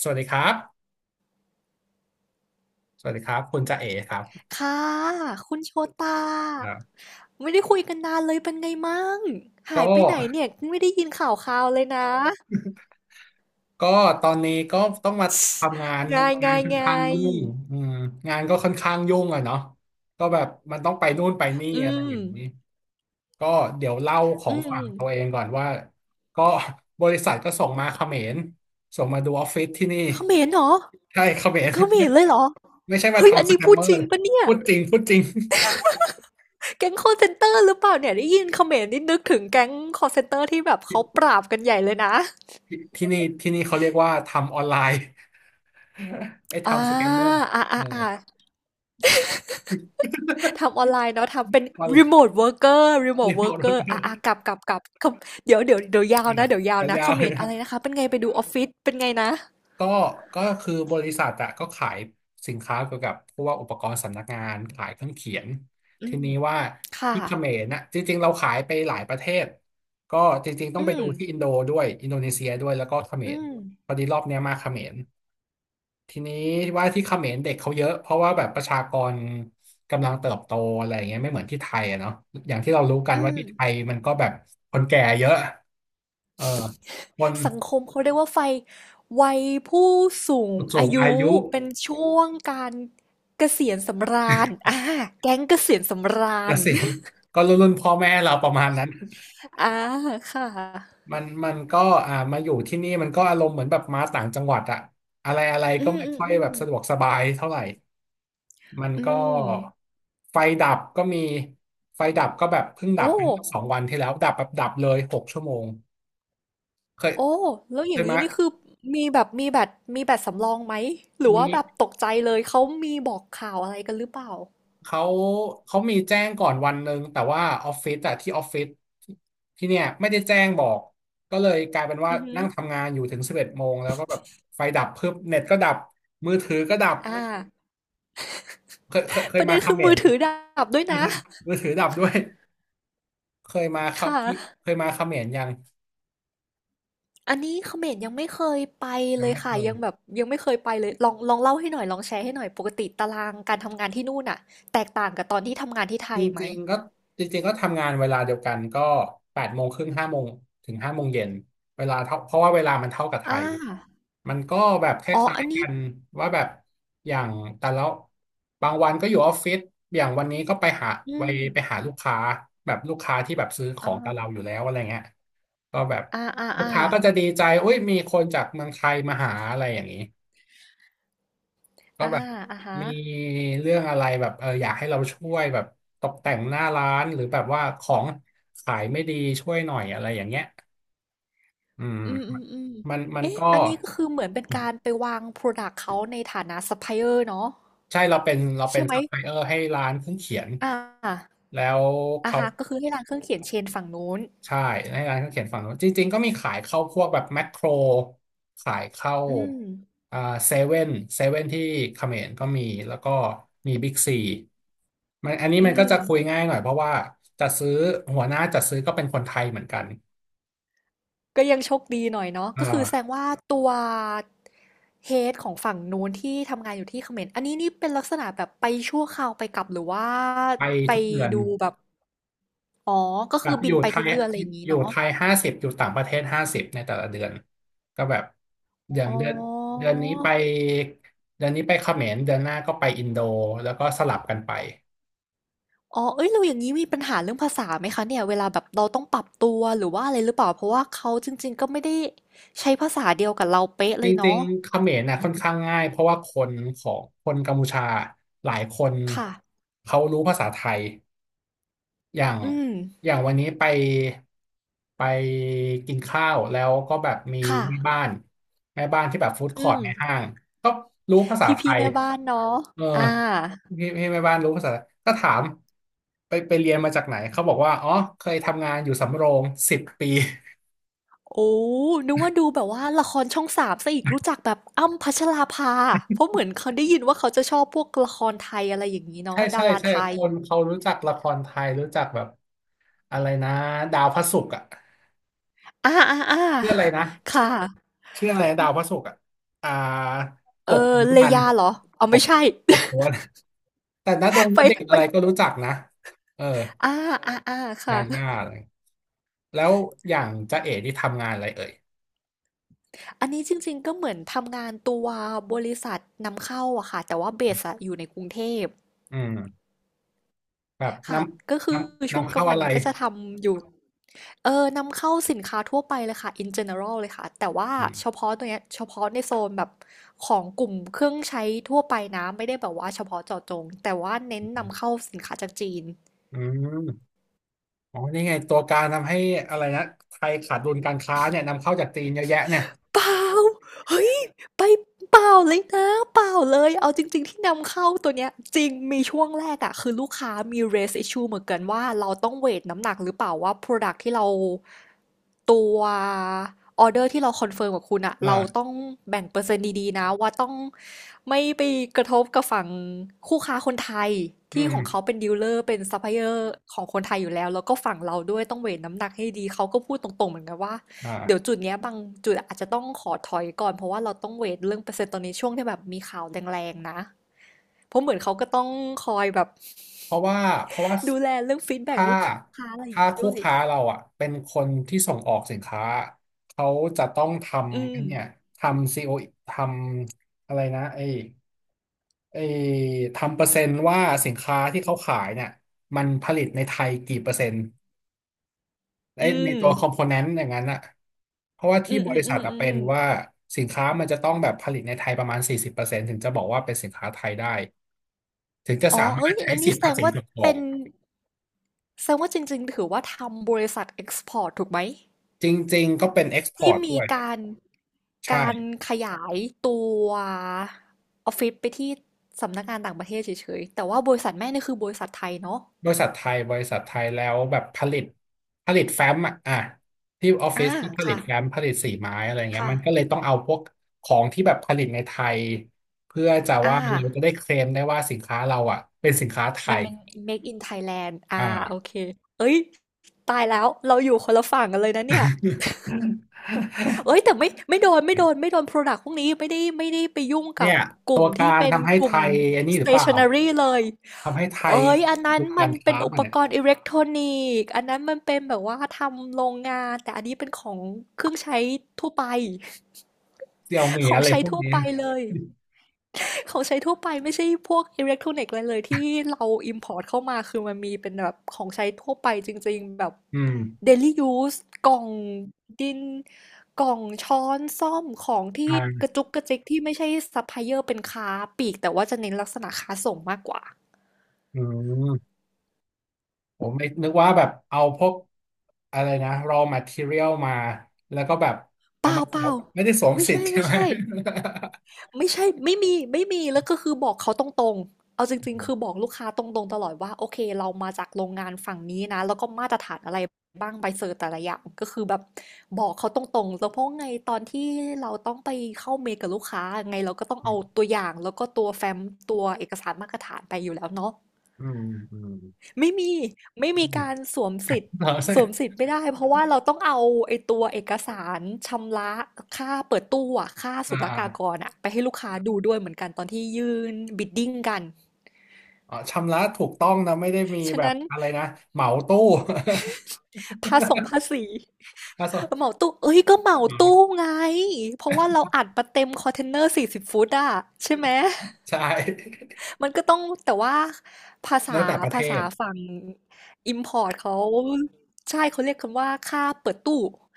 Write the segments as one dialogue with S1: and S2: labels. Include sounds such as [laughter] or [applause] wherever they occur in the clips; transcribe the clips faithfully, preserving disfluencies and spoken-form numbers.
S1: สวัสดีครับ สวัสดีครับคุณจ่าเอ๋ครับ
S2: ค่ะคุณโชตา
S1: ่า
S2: ไม่ได้คุยกันนานเลยเป็นไงมั่ง
S1: ก็
S2: หายไปไหนเนี่ยไม่ได้ยินข่าวคราวเลยนะ
S1: ก็ตอนนี้ก็ต้องมาทำงา
S2: [laughs]
S1: น
S2: [tsk] ง่าย
S1: งา
S2: งา
S1: น
S2: ย
S1: ค่อน
S2: งา
S1: ข้าง
S2: ย
S1: ยุ่งอืมงานก็ค่อนข้างยุ่งอะเนาะก็แบบมันต้องไปนู่นไปนี่
S2: อื
S1: อะไร
S2: ม
S1: อย่างนี้ก็เดี๋ยวเล่าขอ
S2: อื
S1: ง
S2: ม
S1: ฝั่งตัวเองก่อนว่าก็บริษัทก็ส่งมาเขมรส่งมาดูออฟฟิศที่นี่
S2: เขมรเหรอ
S1: ใช่เขมร
S2: เขม
S1: [laughs] ไม่
S2: รเลยเหรอ
S1: ไม่ใช่มา
S2: เฮ้ยอัน
S1: ทำส
S2: นี้
S1: แกม
S2: พูด
S1: เมอ
S2: จริ
S1: ร์
S2: งปะเนี่ย
S1: พูดจริงพูดจริง
S2: แก๊งคอลเซ็นเตอร์หรือเปล่าเนี่ยได้ยินเขมรนี่นึกถึงแก๊งคอลเซ็นเตอร์ที่แบบเขาปราบกันใหญ่เลยนะ
S1: ที่นี่ที่นี่เขาเรียกว่าทำออนไลน์ [laughs] ไอ้
S2: อ่า
S1: ทำสแกมเมอร์
S2: อ่า
S1: เอ
S2: อ่า
S1: อ
S2: อ่า ทำอ
S1: [laughs]
S2: อนไลน์เนาะทำเป็น
S1: มา
S2: remote worker remote worker อร์รีโม
S1: เรี
S2: ท
S1: ยก
S2: เวิ
S1: เอา
S2: ร์ก
S1: ร
S2: เกอ
S1: ถ
S2: ร์อ่ะอ่ะกลับกลับกลับคำเดี๋ยวเดี๋ยวเดี๋ยวยาว
S1: อ่ะ
S2: นะเดี๋ยวยาว
S1: แต่
S2: นะ
S1: ยา
S2: เข
S1: วเล
S2: ม
S1: ย
S2: ร
S1: นะ
S2: อะไรนะคะเป็นไงไปดูออฟฟิศเป็นไงนะ
S1: ก็ก็คือบริษัทอะก็ขายสินค้าเกี่ยวกับพวกอุปกรณ์สำนักงานขายเครื่องเขียน
S2: อื
S1: ที
S2: ม
S1: นี้ว่า
S2: ค่ะ
S1: ที่เขมรนะจริงๆเราขายไปหลายประเทศก็จริงๆต้อง
S2: อื
S1: ไปดู
S2: ม
S1: ที่อินโดด้วยอินโดนีเซียด้วยแล้วก็เขม
S2: อื
S1: ร
S2: ม
S1: พอดีรอบเนี้ยมาเขมร ทีนี้ว่าที่เขมรเด็กเขาเยอะเพราะว่าแบบประชากรกำลังเติบโตอะไรอย่างเงี้ยไม่เหมือนที่ไทยอะเนาะอย่างที่เรารู้กัน
S2: อื
S1: ว่า
S2: ม
S1: ที่ไทยมันก็แบบคนแก่เยอะเออคน
S2: สังคมเขาเรียกว่าไฟวัยผู้สูง
S1: สู
S2: อา
S1: งอา
S2: ยุ
S1: ยุ
S2: เป็นช่วงการเกษียณสำราญอ่าแก๊งเกษียณสำรา
S1: เก
S2: ญ
S1: ษียณก็รุ่นรุ่นพ่อแม่เราประมาณนั้น
S2: อ่าค่ะ
S1: มันมันก็อ่ามาอยู่ที่นี่มันก็อารมณ์เหมือนแบบมาต่างจังหวัดอะอะไรอะไร
S2: อื
S1: ก็
S2: ม
S1: ไม่
S2: อืม
S1: ค่อย
S2: อื
S1: แบ
S2: ม
S1: บสะดวกสบายเท่าไหร่มัน
S2: อื
S1: ก็
S2: ม
S1: ไฟดับก็มีไฟดับก็แบบเพิ่งดั
S2: โอ้
S1: บไปเมื่อสองวันที่แล้วดับแบบดับเลยหกชั่วโมง เคย
S2: โอ้แล้วอ
S1: เค
S2: ย่าง
S1: ย
S2: นี้
S1: มา
S2: นี่คือมีแบบมีแบตมีแบตสำรองไหมหรือ
S1: มี
S2: ว่าแบบตกใจเลยเขามีบอกข่าวอะไรกันหรือเปล่า
S1: เขาเขามีแจ้งก่อนวันหนึ่งแต่ว่าออฟฟิศอะที่ออฟฟิศที่เนี่ยไม่ได้แจ้งบอกก็เลยกลายเป็นว่า
S2: อือหือ
S1: นั่งทำงานอยู่ถึงสิบเอ็ดโมงแล้วก็แบบไฟดับเพิ่มเน็ตก็ดับมือถือก็ดับ
S2: อ่า
S1: เคยเคยเค
S2: ป
S1: ย
S2: ระเด็
S1: มา
S2: น
S1: เข
S2: คือ
S1: ม
S2: มือ
S1: ร
S2: ถือดับด้วย
S1: มือ
S2: นะ
S1: ถือมือถือดับด้วยเคยมาค
S2: ค
S1: รับเคย
S2: ่ะ
S1: เคยมาเขมรยัง
S2: อันนี้เขมรยังไม่เคยไป
S1: ยั
S2: เล
S1: ง
S2: ย
S1: ไม่เค
S2: ค่ะ
S1: ย
S2: ยังแบบยังไม่เคยไปเลยลองลองเล่าให้หน่อยลองแชร์ให้หน่อยปกติตารางการทำงานที่นู่นน่ะแตกต่างกับตอนที่ทำงานที่ไท
S1: จ
S2: ยไหม
S1: ริงๆก็จริงๆก็ทำงานเวลาเดียวกันก็แปดโมงครึ่งห้าโมงถึงห้าโมงเย็นเวลาเท่าเพราะว่าเวลามันเท่ากับไท
S2: อ่า
S1: ยมันก็แบบค
S2: อ๋อ
S1: ล้า
S2: อั
S1: ย
S2: น
S1: ๆ
S2: นี้
S1: กันว่าแบบอย่างแต่ละบางวันก็อยู่ออฟฟิศอย่างวันนี้ก็ไปหา
S2: อื
S1: ไป
S2: ม
S1: ไปหาลูกค้าแบบลูกค้าที่แบบซื้อของกับเรา
S2: อ่า
S1: อยู่แล้วอะไรเงี้ยก็แบบ
S2: อ่าอ่า
S1: ลูก
S2: อ่า
S1: ค้าก็จะดีใจอุ้ยมีคนจากเมืองไทยมาหาอะไรอย่างนี้ ก็
S2: อ่า
S1: แบบ
S2: อ่าฮะ
S1: มีเรื่องอะไรแบบเอออยากให้เราช่วยแบบตกแต่งหน้าร้านหรือแบบว่าของขายไม่ดีช่วยหน่อยอะไรอย่างเงี้ยอืม
S2: อืมอืมอืม
S1: มันมัน
S2: เอ๊ะ
S1: ก็
S2: อันนี้ก็คือเหมือนเป็นการไปวางพรอดักต์เขาในฐานะซัพพลายเออร์เนาะ
S1: ใช่เราเป็นเราเป็
S2: ใช่
S1: น
S2: ไหม
S1: ซัพพลายเออร์ให้ร้านเครื่องเขียน
S2: อ่า
S1: แล้ว
S2: อา
S1: เขา
S2: ฮะก็คือให้ร้านเครื่องเขียนเชนฝั่งนู้น
S1: ใช่ให้ร้านเขาเขียนฝั่งนู้นจริงๆก็มีขายเข้าพวกแบบแมคโครขายเข้า
S2: อืม
S1: อ่าเซเว่นเซเว่นที่เขมรก็มีแล้วก็มีบิ๊กซีมันอันนี้
S2: อื
S1: มันก็จะ
S2: ม
S1: คุยง่ายหน่อยเพราะว่าจัดซื้อหัวหน้าจัดซื้อก็เป็นคนไทยเหมือนกัน
S2: ก็ยังโชคดีหน่อยเนาะ
S1: อ
S2: ก็คือแสดง
S1: ่า
S2: ว่าตัว h e a ของฝั่งนู้นที่ทำงานอยู่ที่เขมรอันนี้นี่เป็นลักษณะแบบไปชั่วคราวไปกลับหรือว่า
S1: ไป
S2: ไป
S1: ทุกเดือน
S2: ดูแบบอ๋อก็
S1: แบ
S2: คื
S1: บ
S2: อ
S1: อ
S2: บิน
S1: ยู่
S2: ไป
S1: ไท
S2: ทุก
S1: ย
S2: เดือนอะไรอย่างนี้
S1: อยู่
S2: เนาะ
S1: ไทยห้าสิบอยู่ต่างประเทศห้าสิบในแต่ละเดือนก็แบบอย่าง
S2: อ๋อ
S1: เดือนเดือนนี้ไปเดือนนี้ไปเขมรเดือนหน้าก็ไปอินโดแล้วก็สลับกันไป
S2: อ๋อเอ้ยเราอย่างนี้มีปัญหาเรื่องภาษาไหมคะเนี่ยเวลาแบบเราต้องปรับตัวหรือว่าอะไรหรือเปล่า เพราะว่าเขาจริงๆก็ไม่ได้ใช้ภาษาเดียวกับเราเป๊ะ
S1: จ
S2: เลย
S1: ริง
S2: เนาะ
S1: ๆเขมรนะค่อนข้างง่ายเพราะว่าคนของคนกัมพูชาหลายคน
S2: ค่ะ
S1: เขารู้ภาษาไทยอย่าง
S2: อืม
S1: อย่างวันนี้ไปไปกินข้าวแล้วก็แบบมี
S2: ค่ะ
S1: แม่บ้านแม่บ้านที่แบบฟู้ดค
S2: อื
S1: อร์ท
S2: ม
S1: ในห้างก็รู้ภาษา
S2: พี่
S1: ไท
S2: พี่
S1: ย
S2: แม่บ้านเนาะ
S1: เออ
S2: อ่า
S1: พี่พี่แม่บ้านรู้ภาษาก็ถามไปไปเรียนมาจากไหนเขาบอกว่าอ๋อเคยทำงานอยู่สำโรงสิบปี
S2: โอ้นึกว่าดูแบบว่าละครช่องสามซะอีกรู้จักแบบอ้ำพัชราภาเพราะเหมือนเขาได้ยินว่าเขาจะชอบพวกละครไทยอะไรอย่างนี้
S1: ใช่
S2: เนาะดา
S1: ใช่
S2: รา
S1: ใช่
S2: ไท
S1: ค
S2: ย
S1: นเขารู้จักละครไทยรู้จักแบบอะไรนะดาวพระศุกร์อ่ะ
S2: อ่าอ่าอ่า
S1: ชื่ออะไรนะ
S2: ค่ะ
S1: ชื่ออะไรนะดาวพระศุกร์อ่ะอ่าก
S2: เอ
S1: บขุ
S2: อ
S1: น
S2: เล
S1: มันธุ์
S2: ยาเหรอเอา
S1: ก
S2: ไม่
S1: บ
S2: ใช่
S1: กบขุนมันธุ์แต่ณดง
S2: [laughs] ไป
S1: ณเดชน์
S2: ไป
S1: อะไรก็รู้จักนะเออ
S2: อ่าอ่าอ่าค่ะ
S1: ยาย่า
S2: [laughs]
S1: อะไรแล้วอย่างจ๊ะเอ๋ที่ทำงานอะไรเอ่ย
S2: อันนี้จริงๆก็เหมือนทำงานตัวบริษัทนำเข้าอะค่ะแต่ว่าเบสอะอยู่ในกรุงเทพ
S1: อืมแบบน
S2: ค่ะก็
S1: ำ
S2: คื
S1: น
S2: อ
S1: ำ
S2: ช่วง
S1: นำ
S2: กลา
S1: เข้า
S2: งวัน
S1: อะไร
S2: เนี่ยก็จะทำอยู่เออนำเข้าสินค้าทั่วไปเลยค่ะ in general เลยค่ะแต่ว่า
S1: อื
S2: เฉ
S1: ม
S2: พาะตัวเนี้ยเฉพาะในโซนแบบของกลุ่มเครื่องใช้ทั่วไปนะไม่ได้แบบว่าเฉพาะเจาะจงแต่ว่าเน้นนำเข้าสินค้าจากจีน
S1: อืมอ๋อนี่ไงตัวการทำให้อะไรนะไทยขาดดุลการค้าเนี่ยนำเข้าจากจีนเยอะแยะเนี่ย
S2: เปล่าเฮ้ยไปเปล่าเลยนะเปล่าเลย เอาจริงๆที่นำเข้าตัวเนี้ยจริงมีช่วงแรกอะคือลูกค้ามี raise issue เหมือนกันว่าเราต้องเวทน้ำหนักหรือเปล่าว่า product ที่เราตัวออเดอร์ที่เราคอนเฟิร์มกับคุณอะเราต้อ
S1: อ่า
S2: งแบ่งเปอร์เซ็นต์ดีๆนะว่าต้องไม่ไปกระทบกับฝั่งคู่ค้าคนไทย
S1: อื
S2: ที่
S1: ม
S2: ของเขาเป็นดีลเลอร์เป็นซัพพลายเออร์ของคนไทยอยู่แล้วแล้วก็ฝั่งเราด้วยต้องเวทน้ำหนักให้ดีเขาก็พูดตรงๆเหมือนกันว่า เดี๋ยว
S1: อ่า
S2: จุดเนี้ยบางจุดอาจจะต้องขอถอยก่อนเพราะว่าเราต้องเวทเรื่องเปอร์เซ็นต์ตอนนี้ช่วงที่แบบมีข่าวแรงๆนะเพราะเหมือนเขาก็ต้องคอยแบบ
S1: เพราะว่าเพราะว่า
S2: ดูแลเรื่องฟีดแบ็ก
S1: ถ้า
S2: ลูกค้าอะไรอย่า
S1: ถ้า
S2: งนี้
S1: คู่
S2: ด้วย
S1: ค้าเราอ่ะเป็นคนที่ส่งออกสินค้าเขาจะต้องท
S2: อื
S1: ำไอ้
S2: ม
S1: เนี่ยทำซีโอทำอะไรนะไอ้ไอ้ทำเปอร์เซ็นต์ว่าสินค้าที่เขาขายเนี่ยมันผลิตในไทยกี่เปอร์เซ็นต์ไอ้
S2: อื
S1: ในตัวคอมโพ
S2: ม
S1: เนนต์อย่างนั้นอ่ะเพราะว่า
S2: อื
S1: ที่
S2: ม
S1: บ
S2: อืม
S1: ริ
S2: อื
S1: ษัท
S2: ม
S1: อะ
S2: อื
S1: เป็
S2: ม
S1: นว่าสินค้ามันจะต้องแบบผลิตในไทยประมาณสี่สิบเปอร์เซ็นต์ถึงจะบอกว่าเป็นสินค้าไทยได้ถึงจะ
S2: อ๋อ
S1: สามา
S2: เอ้
S1: รถ
S2: ย
S1: ใช้
S2: อัน
S1: สิ
S2: นี้
S1: ท
S2: แส
S1: ธิ
S2: ด
S1: ภา
S2: ง
S1: ษี
S2: ว่า
S1: ส่งออ
S2: เป็
S1: ก
S2: นแสดงว่าจริงๆถือว่าทำบริษัทเอ็กซ์พอร์ตถูกไหม
S1: จริงๆก็เป็นเอ็กซ์พอ
S2: ที่
S1: ร์ต
S2: มี
S1: ด้วย
S2: การ
S1: ใช่
S2: การขยายตัวออฟฟิศไปที่สำนักงานต่างประเทศเฉยๆแต่ว่าบริษัทแม่นี่คือบริษัทไทยเนาะ
S1: บริษัทไทยบริษัทไทยแล้วแบบผลิตผลิตแฟ้มอ่ะอ่ะที่ออฟฟิ
S2: อา
S1: ศที่ผลิต
S2: ค่ะ
S1: แฟ้มผลิตสีไม้อะไรเงี้ย
S2: ค่ะ
S1: มันก็เลยต้องเอาพวกของที่แบบผลิตในไทยเพื่อจะ
S2: อา
S1: ว่าเราจะได้เคลมได้ว่าสินค้าเราอ่ะเป็นสินค้าไท
S2: มัน
S1: ย
S2: เป็น Made in Thailand
S1: อ่า
S2: อาโอเคเฮ้ยตายแล้วเราอยู่คนละฝั่งกันเลยนะเนี่ยเอ้ยแต่
S1: [laughs]
S2: ไม่ไม่โดนไม่โดนไม่โดนพรอดักต์พวกนี้ไม่ได้ไม่ได้ไปยุ่งกั
S1: เนี่
S2: บ
S1: ย
S2: ก
S1: ตั
S2: ลุ่ม
S1: วกา
S2: ที่
S1: ร
S2: เป็น
S1: ทำให้
S2: ก
S1: ไท
S2: ลุ่ม
S1: ยอันนี้หรือเปล่า
S2: stationery เลย
S1: ทำให้ไท
S2: เอ้
S1: ย
S2: ยอันนั้
S1: ดู
S2: นมั
S1: กา
S2: น
S1: ร
S2: เป็
S1: ค้า
S2: นอุ
S1: มัน
S2: ป
S1: เนี่ย
S2: กรณ์อิเล็กทรอนิกส์อันนั้นมันเป็นแบบว่าทำโรงงานแต่อันนี้เป็นของเครื่องใช้ทั่วไป
S1: เซี่ยวเหมี
S2: [laughs]
S1: ย
S2: ของ
S1: อะไร
S2: ใช้
S1: พวก
S2: ทั่ว
S1: นี้
S2: ไปเลย
S1: [laughs]
S2: [laughs] ของใช้ทั่วไปไม่ใช่พวกอิเล็กทรอนิกส์อะไรเลยที่เราอิมพอร์ตเข้ามาคือมันมีเป็นแบบของใช้ทั่วไปจริงๆแบบ
S1: อืม
S2: daily use กล่องดินกล่องช้อนซ้อมของ
S1: อ
S2: ที่กระ
S1: ่า
S2: จุกกระจิกที่ไม่ใช่ซัพพลายเออร์เป็นค้าปลีกแต่ว่าจะเน้นลักษณะค้าส่งมากกว่า
S1: อืม ผมไม่นึกว่าแบบเอาพวกอะไรนะ raw material มาแล้วก็แบบ
S2: เป
S1: เอา
S2: ล่า
S1: มาส
S2: เป
S1: ว
S2: ล่า
S1: มไม่ได้สวม
S2: ไม่
S1: สิท
S2: ใช่
S1: ธิ์ใช่
S2: ไม่
S1: ไหม
S2: ใช่
S1: [laughs]
S2: ไม่ใช่ไม่มีไม่มีแล้วก็คือบอกเขาตรงๆเอาจริงๆคือบอกลูกค้าตรงๆตลอดว่าโอเคเรามาจากโรงงานฝั่งนี้นะแล้วก็มาตรฐานอะไรบ้างใบเซอร์แต่ละอย่างก็คือแบบบอกเขาตรงๆแล้วเพราะไงตอนที่เราต้องไปเข้าเมลกับลูกค้าไงเราก็ต้องเอาตัวอย่างแล้วก็ตัวแฟ้มตัวเอกสารมาตรฐานไปอยู่แล้วเนาะ
S1: อืมอืม
S2: ไม่มีไม่
S1: อื
S2: มีการ
S1: ม
S2: สวมสิทธิ์
S1: เราใช่
S2: สวมสิทธิ์ไม่ได้เพราะว่าเราต้องเอาไอ้ตัวเอกสารชำระค่าเปิดตู้อะค่า
S1: อ่า
S2: ศุล
S1: อ่า
S2: กากรอะไปให้ลูกค้าดูด้วยเหมือนกันตอนที่ยื่นบิดดิ้งกัน
S1: อ๋อชำระถูกต้องนะไม่ได้มี
S2: ฉะ
S1: แบบ
S2: นั้น
S1: อะไรนะเหมาตู้ [laughs]
S2: ภาษงภาษี
S1: อ่ะสอ
S2: เห
S1: น
S2: มาตู้เอ้ยก็เหมาตู้ไงเพราะว่าเราอัดมาเต็มคอนเทนเนอร์สี่สิบฟุตอะใช่ไหม
S1: ใช่
S2: มันก็ต้องแต่ว่าภาษา
S1: แล้วแต่ประเท
S2: ภาษา
S1: ศ
S2: ฝั่ง import เขาใช่เขาเรียกคำว่าค่าเปิดตู้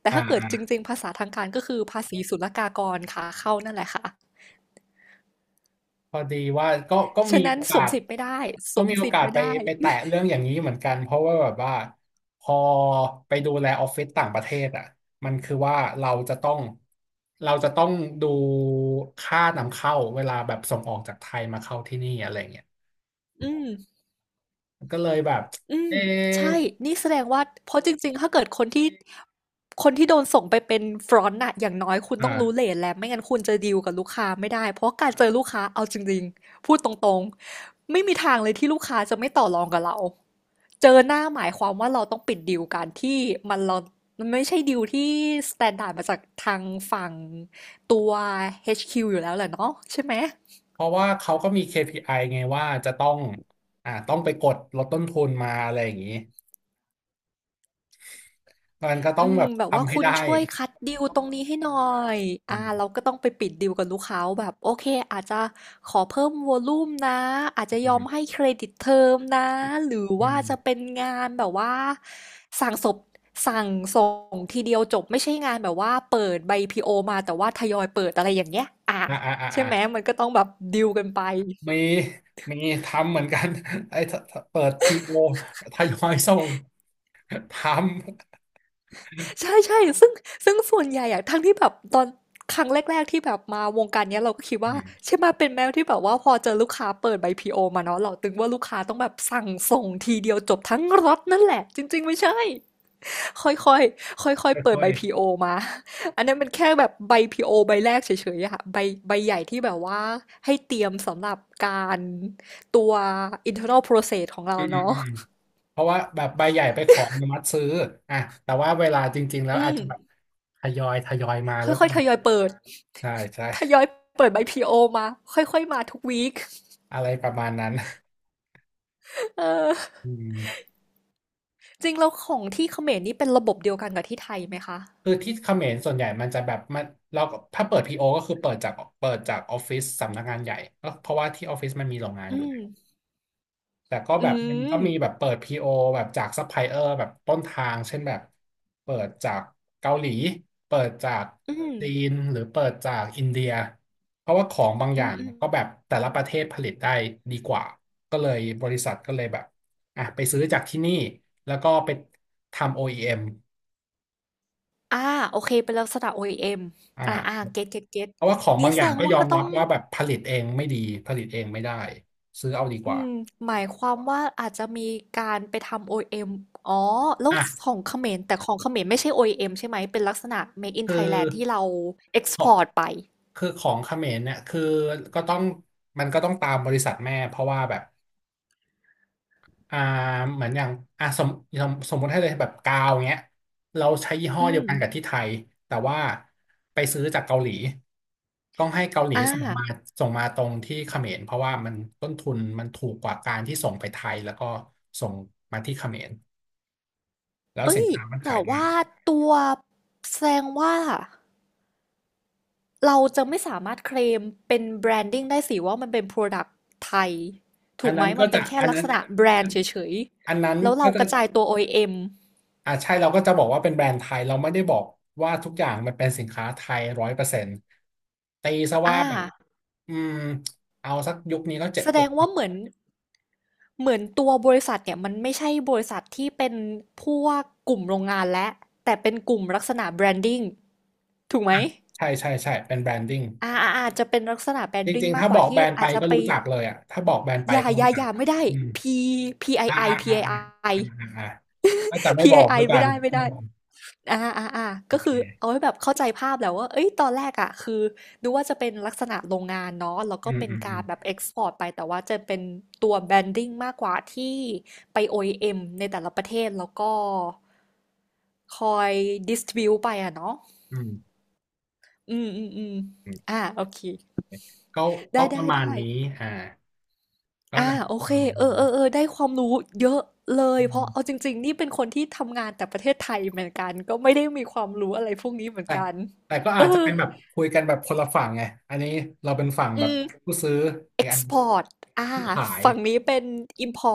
S2: แต่ถ้าเกิด
S1: อ่า
S2: จริงๆภาษาทางการก็คือภาษีศุลกากรค่ะเข้านั่นแหละค่ะ
S1: พอดีว่าก็ก็มี
S2: ฉะนั้น
S1: โอ
S2: ส
S1: กา
S2: วม
S1: ส
S2: สิทธิ์ไม่ได้ส
S1: ก็
S2: วม
S1: มีโอ
S2: สิท
S1: กา
S2: ธิ์
S1: ส
S2: ไม่
S1: ไป
S2: ได้
S1: ไปแตะเรื่องอย่างนี้เหมือนกันเพราะว่าแบบว่าพอไปดูแลออฟฟิศต่างประเทศอ่ะมันคือว่าเราจะต้องเราจะต้องดูค่านำเข้าเวลาแบบส่งออกจากไทยมาเข้าที่นี่อะไรเงี้ย
S2: อืม
S1: ก็เลยแบบ
S2: อื
S1: เอ
S2: ม
S1: อ
S2: ใช่นี่แสดงว่าเพราะจริงๆ ถ้าเกิดคนที่คนที่โดนส่งไปเป็น front น่ะอย่างน้อยคุณต้องรู้
S1: อ่า
S2: เรทแล้วไม่งั้นคุณจะดีลกับลูกค้าไม่ได้เพราะการเจอลูกค้าเอาจริงๆพูดตรงๆไม่มีทางเลยที่ลูกค้าจะไม่ต่อรองกับเราเจอหน้าหมายความว่าเราต้องปิดดีลกันที่มันเรามันไม่ใช่ดีลที่ s t ต n d า r d มาจากทางฝั่งตัว เอช คิว อชคิวอยู่แล้วแหละเนาะใช่ไหม
S1: เพราะว่าเขาก็มี เค พี ไอ ไอไงว่าจะต้องอ่าต้องไปกดลดต้นทุนมาอะไรอย่างนี้มันก็ต้อ
S2: อื
S1: ง
S2: ม
S1: แบบ
S2: แบบว่า
S1: ทำให้
S2: คุณ
S1: ได้
S2: ช่วยคัดดีลตรงนี้ให้หน่อย
S1: อื
S2: อ่าเราก็
S1: ม
S2: ต้องไปปิดดีลกับลูกค้าว่าแบบโอเคอาจจะขอเพิ่มวอลลุ่มนะอาจจะ
S1: อื
S2: ยอมให้
S1: ม
S2: เครดิตเทอมนะหรือ
S1: อื
S2: ว่าจะ
S1: ม
S2: เป็นงานแบบว่าสั่งสบสั่งส่งทีเดียวจบไม่ใช่งานแบบว่าเปิดใบพีโอมาแต่ว่าทยอยเปิดอะไรอย่างเงี้ยอ่า
S1: อ่าอ่า
S2: ใช่
S1: อ่า
S2: ไหมมันก็ต้องแบบดีลกันไป
S1: มีมีทำเหมือนกัน [laughs] ไอ้ถ้าถ้าเปิดพีโอทยอยส่ง [laughs] ท
S2: ใช่ๆซึ่งซึ่งส่วนใหญ่อะทั้งที่แบบตอนครั้งแรกๆที่แบบมาวงการเนี้ยเราก็คิด
S1: ำอื
S2: ว่า
S1: ม
S2: ใช่ไหมเป็นแมวที่แบบว่าพอเจอลูกค้าเปิดใบ พี โอ มาเนาะเราตึงว่าลูกค้าต้องแบบสั่งส่งทีเดียวจบทั้งรถนั่นแหละจริงๆไม่ใช่ค่อยๆค่อยๆเปิด
S1: ค่อ
S2: ใบ
S1: ย
S2: พี โอ มาอันนั้นมันแค่แบบใบ พี โอ ใบแรกเฉยๆอะค่ะใบใบใหญ่ที่แบบว่าให้เตรียมสำหรับการตัว internal process ของ
S1: ๆ
S2: เรา
S1: อืมอืม
S2: เนาะ
S1: อืมเพราะว่าแบบใบใหญ่ไปขออนุมัติซื้ออ่ะแต่ว่าเวลาจริงๆแล้ว
S2: อื
S1: อาจ
S2: ม
S1: จะแบบทยอยทยอยมา
S2: ค่
S1: แล้วกั
S2: อย
S1: น
S2: ๆทยอยเปิด
S1: ใช่ใช่
S2: ทยอยเปิดใบ พี โอ มาค่อยๆมาทุกวีก
S1: อะไรประมาณนั้น
S2: เออ
S1: อืม
S2: จริงแล้วของที่เขมรนี่เป็นระบบเดียวกันกับที่ไทยไหมคะ
S1: คือที่เขมรส่วนใหญ่มันจะแบบมันเราก็ถ้าเปิดพีโอก็คือเปิดจากเปิดจากออฟฟิศสำนักงานใหญ่ก็เพราะว่าที่ออฟฟิศมันมีโรงงาน
S2: อื
S1: อยู่
S2: ม
S1: แต่ก็
S2: อื
S1: แบบมันก็
S2: ม
S1: มีแบบเปิด พี โอ แบบจากซัพพลายเออร์แบบต้นทางเช่นแบบเปิดจากเกาหลีเปิดจาก
S2: อืม
S1: จีนหรือเปิดจากอินเดียเพราะว่าของบางอ
S2: อื
S1: ย่า
S2: ม
S1: ง
S2: อืม
S1: ก็แบบแต่ละประเทศผลิตได้ดีกว่าก็เลยบริษัทก็เลยแบบอ่ะไปซื้อจากที่นี่แล้วก็ไปทำ โอ อี เอ็ม ออีเอ็ม
S2: อ่าโอเคเป็นลักษณะ โอ อี เอ็ม
S1: อ่
S2: ออีเอ็มอ่าอ่า
S1: า
S2: เก็ตเก็ตเก็ต
S1: เพราะว่าของ
S2: นี้
S1: บาง
S2: แส
S1: อย่า
S2: ด
S1: ง
S2: ง
S1: ก็
S2: ว่า
S1: ยอ
S2: ก็
S1: ม
S2: ต้
S1: รั
S2: อ
S1: บ
S2: ง
S1: ว่าแบบผลิตเองไม่ดีผลิตเองไม่ได้ซื้อเอาดีก
S2: อื
S1: ว่า
S2: มหมายความว่าอาจจะมีการไปทำ โอ อี เอ็ม ออีเอ็มอ๋อแล้ว
S1: อ่ะ
S2: ของเขมรแต่ของเขมรไม่ใช่ โอ อี เอ็ม ใช่ไหมเป็นลักษณะ Made in
S1: คือ
S2: Thailand ที่เรา
S1: ของ
S2: export ไป
S1: คือของเขมรเนี่ยคือก็ต้องมันก็ต้องตามบริษัทแม่เพราะว่าแบบอ่าเหมือนอย่างอ่าสมสมสมมติให้เลยแบบกาวเงี้ยเราใช้ยี่ห้อ
S2: อื
S1: เดียว
S2: ม
S1: กันกับที่ไทยแต่ว่าไปซื้อจากเกาหลีต้องให้เกาหลี
S2: อ่า
S1: ส่งมาส่งมาตรงที่เขมรเพราะว่ามันต้นทุนมันถูกกว่าการที่ส่งไปไทยแล้วก็ส่งมาที่เขมรแล้ว
S2: เอ้
S1: สิน
S2: ย
S1: ค้ามัน
S2: แต่
S1: ขายได้
S2: ว่าตัวแสดงว่าเราจะไม่สามารถเคลมเป็นแบรนดิ้งได้สิว่ามันเป็น Product ไทย
S1: อั
S2: ถู
S1: น
S2: กไหม
S1: นั้นก็
S2: มันเป็
S1: จะ
S2: นแค่
S1: อัน
S2: ลัก
S1: นั้
S2: ษ
S1: น
S2: ณะแบรนด์เฉย
S1: อันนั้น
S2: ๆแล้ว
S1: ก็
S2: เรา
S1: จะ
S2: กระจายตัว โอ อี เอ็ม ออีเอ็ม
S1: อ่าใช่เราก็จะบอกว่าเป็นแบรนด์ไทยเราไม่ได้บอกว่าทุกอย่างมันเป็นสินค้าไทยร้อยเปอร์เซ็นต์ตีซะว่า
S2: อ่า
S1: แบบอืมเอาสักยุคนี้ก็เจ็ด
S2: แส
S1: ห
S2: ด
S1: ก
S2: งว่าเหมือนเหมือนตัวบริษัทเนี่ยมันไม่ใช่บริษัทที่เป็นพวกกลุ่มโรงงานและแต่เป็นกลุ่มลักษณะแบรนดิ้งถูกไหม
S1: ใช่ใช่ใช่เป็นแบรนดิ้ง
S2: อ่าอาอาจจะเป็นลักษณะแบร
S1: จ
S2: นดิ้ง
S1: ริงๆ
S2: มาก
S1: ถ้า
S2: ก
S1: บ
S2: ว่า
S1: อกแบ
S2: ที่
S1: รนด์ไป
S2: อาจจะ
S1: ก็
S2: ไป
S1: รู้จักเลยอ่ะถ้าบอกแบรนด์ไป
S2: อย่า
S1: ก็
S2: อ
S1: รู้
S2: ย่า
S1: จั
S2: อ
S1: ก
S2: ย่าไม่ได้
S1: อืม
S2: P
S1: อ่า
S2: พี ไอ ไอ
S1: อ่าอ่าอ่า
S2: พี ไอ ไอ
S1: อ่าอ่าอ่าก็จะไม่บอก
S2: พี ไอ ไอ
S1: แล้ว
S2: [laughs]
S1: กั
S2: ไม่
S1: น
S2: ได้ไม่
S1: อื
S2: ได้
S1: ม
S2: อ่าอ่าอ่า
S1: โอ
S2: ก็
S1: เค
S2: คือเอาให้แบบเข้าใจภาพแหล้วว่าเอ้ยตอนแรกอ่ะคือดูว่าจะเป็นลักษณะโรงงานเนาะ แล้ว
S1: อื
S2: ก็
S1: ม
S2: เป็น
S1: อืมอื
S2: กา
S1: ม
S2: รแบบเอ็กซ์พอร์ตไปแต่ว่าจะเป็นตัวแบรนดิ้งมากกว่าที่ไป โอ อี เอ็ม ในแต่ละประเทศแล้วก็คอยดิสทริบิวไปอ่ะเนาะ
S1: อืม
S2: อืมอืมอืม
S1: อืม
S2: อ่าโอเค
S1: ก็ก็
S2: ได้
S1: ป
S2: ได้
S1: ระมาณ
S2: ได้
S1: นี้อ่าก็
S2: อา
S1: นะ
S2: โอเคเออๆๆได้ความรู้เยอะเลย
S1: อื
S2: เพราะ
S1: ม
S2: เอาจริงๆนี่เป็นคนที่ทำงานแต่ประเทศไทยเหมือนกันก็ไม่ได้มีความรู้อะไรพวกนี้เหมือน
S1: แต่
S2: กัน
S1: แต่ก็
S2: เอ
S1: อาจจะ
S2: อ
S1: เป็นแบบคุยกันแบบคนละฝั่งไงอันนี้เราเป็นฝั่ง
S2: อื
S1: แบบ
S2: ม
S1: ผู้ซื้ออี
S2: เอ็
S1: ก
S2: ก
S1: อัน
S2: ซ์พอร์ตอา
S1: ผู้ขาย
S2: ฝั่งนี้เป็น [laughs] อิมพอ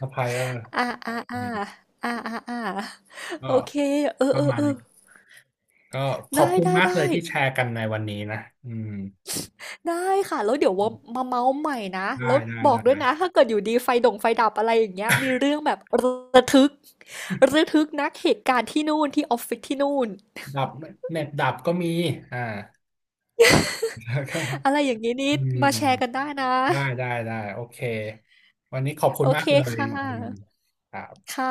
S1: ซัพพลายเออร์
S2: อ่ตอา
S1: อืม
S2: ๆๆอาๆๆ
S1: ก็
S2: โอเคเอ
S1: ประมาณ
S2: อ
S1: นี้
S2: ๆ
S1: ก็ข
S2: ๆไ
S1: อบคุณมากเล
S2: ด้
S1: ยที่
S2: ๆๆ
S1: แชร์กันในวันนี้นะอืม
S2: ได้ค่ะ แล้วเดี๋ยวว่ามาเมาส์ใหม่นะ
S1: ได้
S2: แล้ว
S1: ได้
S2: บอกด้วย
S1: ได้
S2: นะ ถ้าเกิดอยู่ดีไฟดงไฟดับอะไรอย่างเงี้ยมีเรื่องแบบระทึกระทึกนักเหตุการณ์ที่นู่นที่ออฟฟิศที่นู่น
S1: ดับเน็ตดับก็มีอ่า [laughs] แล้วก็
S2: อะไรอย่างงี้นี่
S1: อื
S2: มาแชร์
S1: ม
S2: กันได้นะ
S1: ได้ได้ได้โอเควันนี้ขอบคุ
S2: โอ
S1: ณมา
S2: เค
S1: กเลย
S2: ค่
S1: อืม
S2: ะ
S1: ครับ
S2: ค่ะ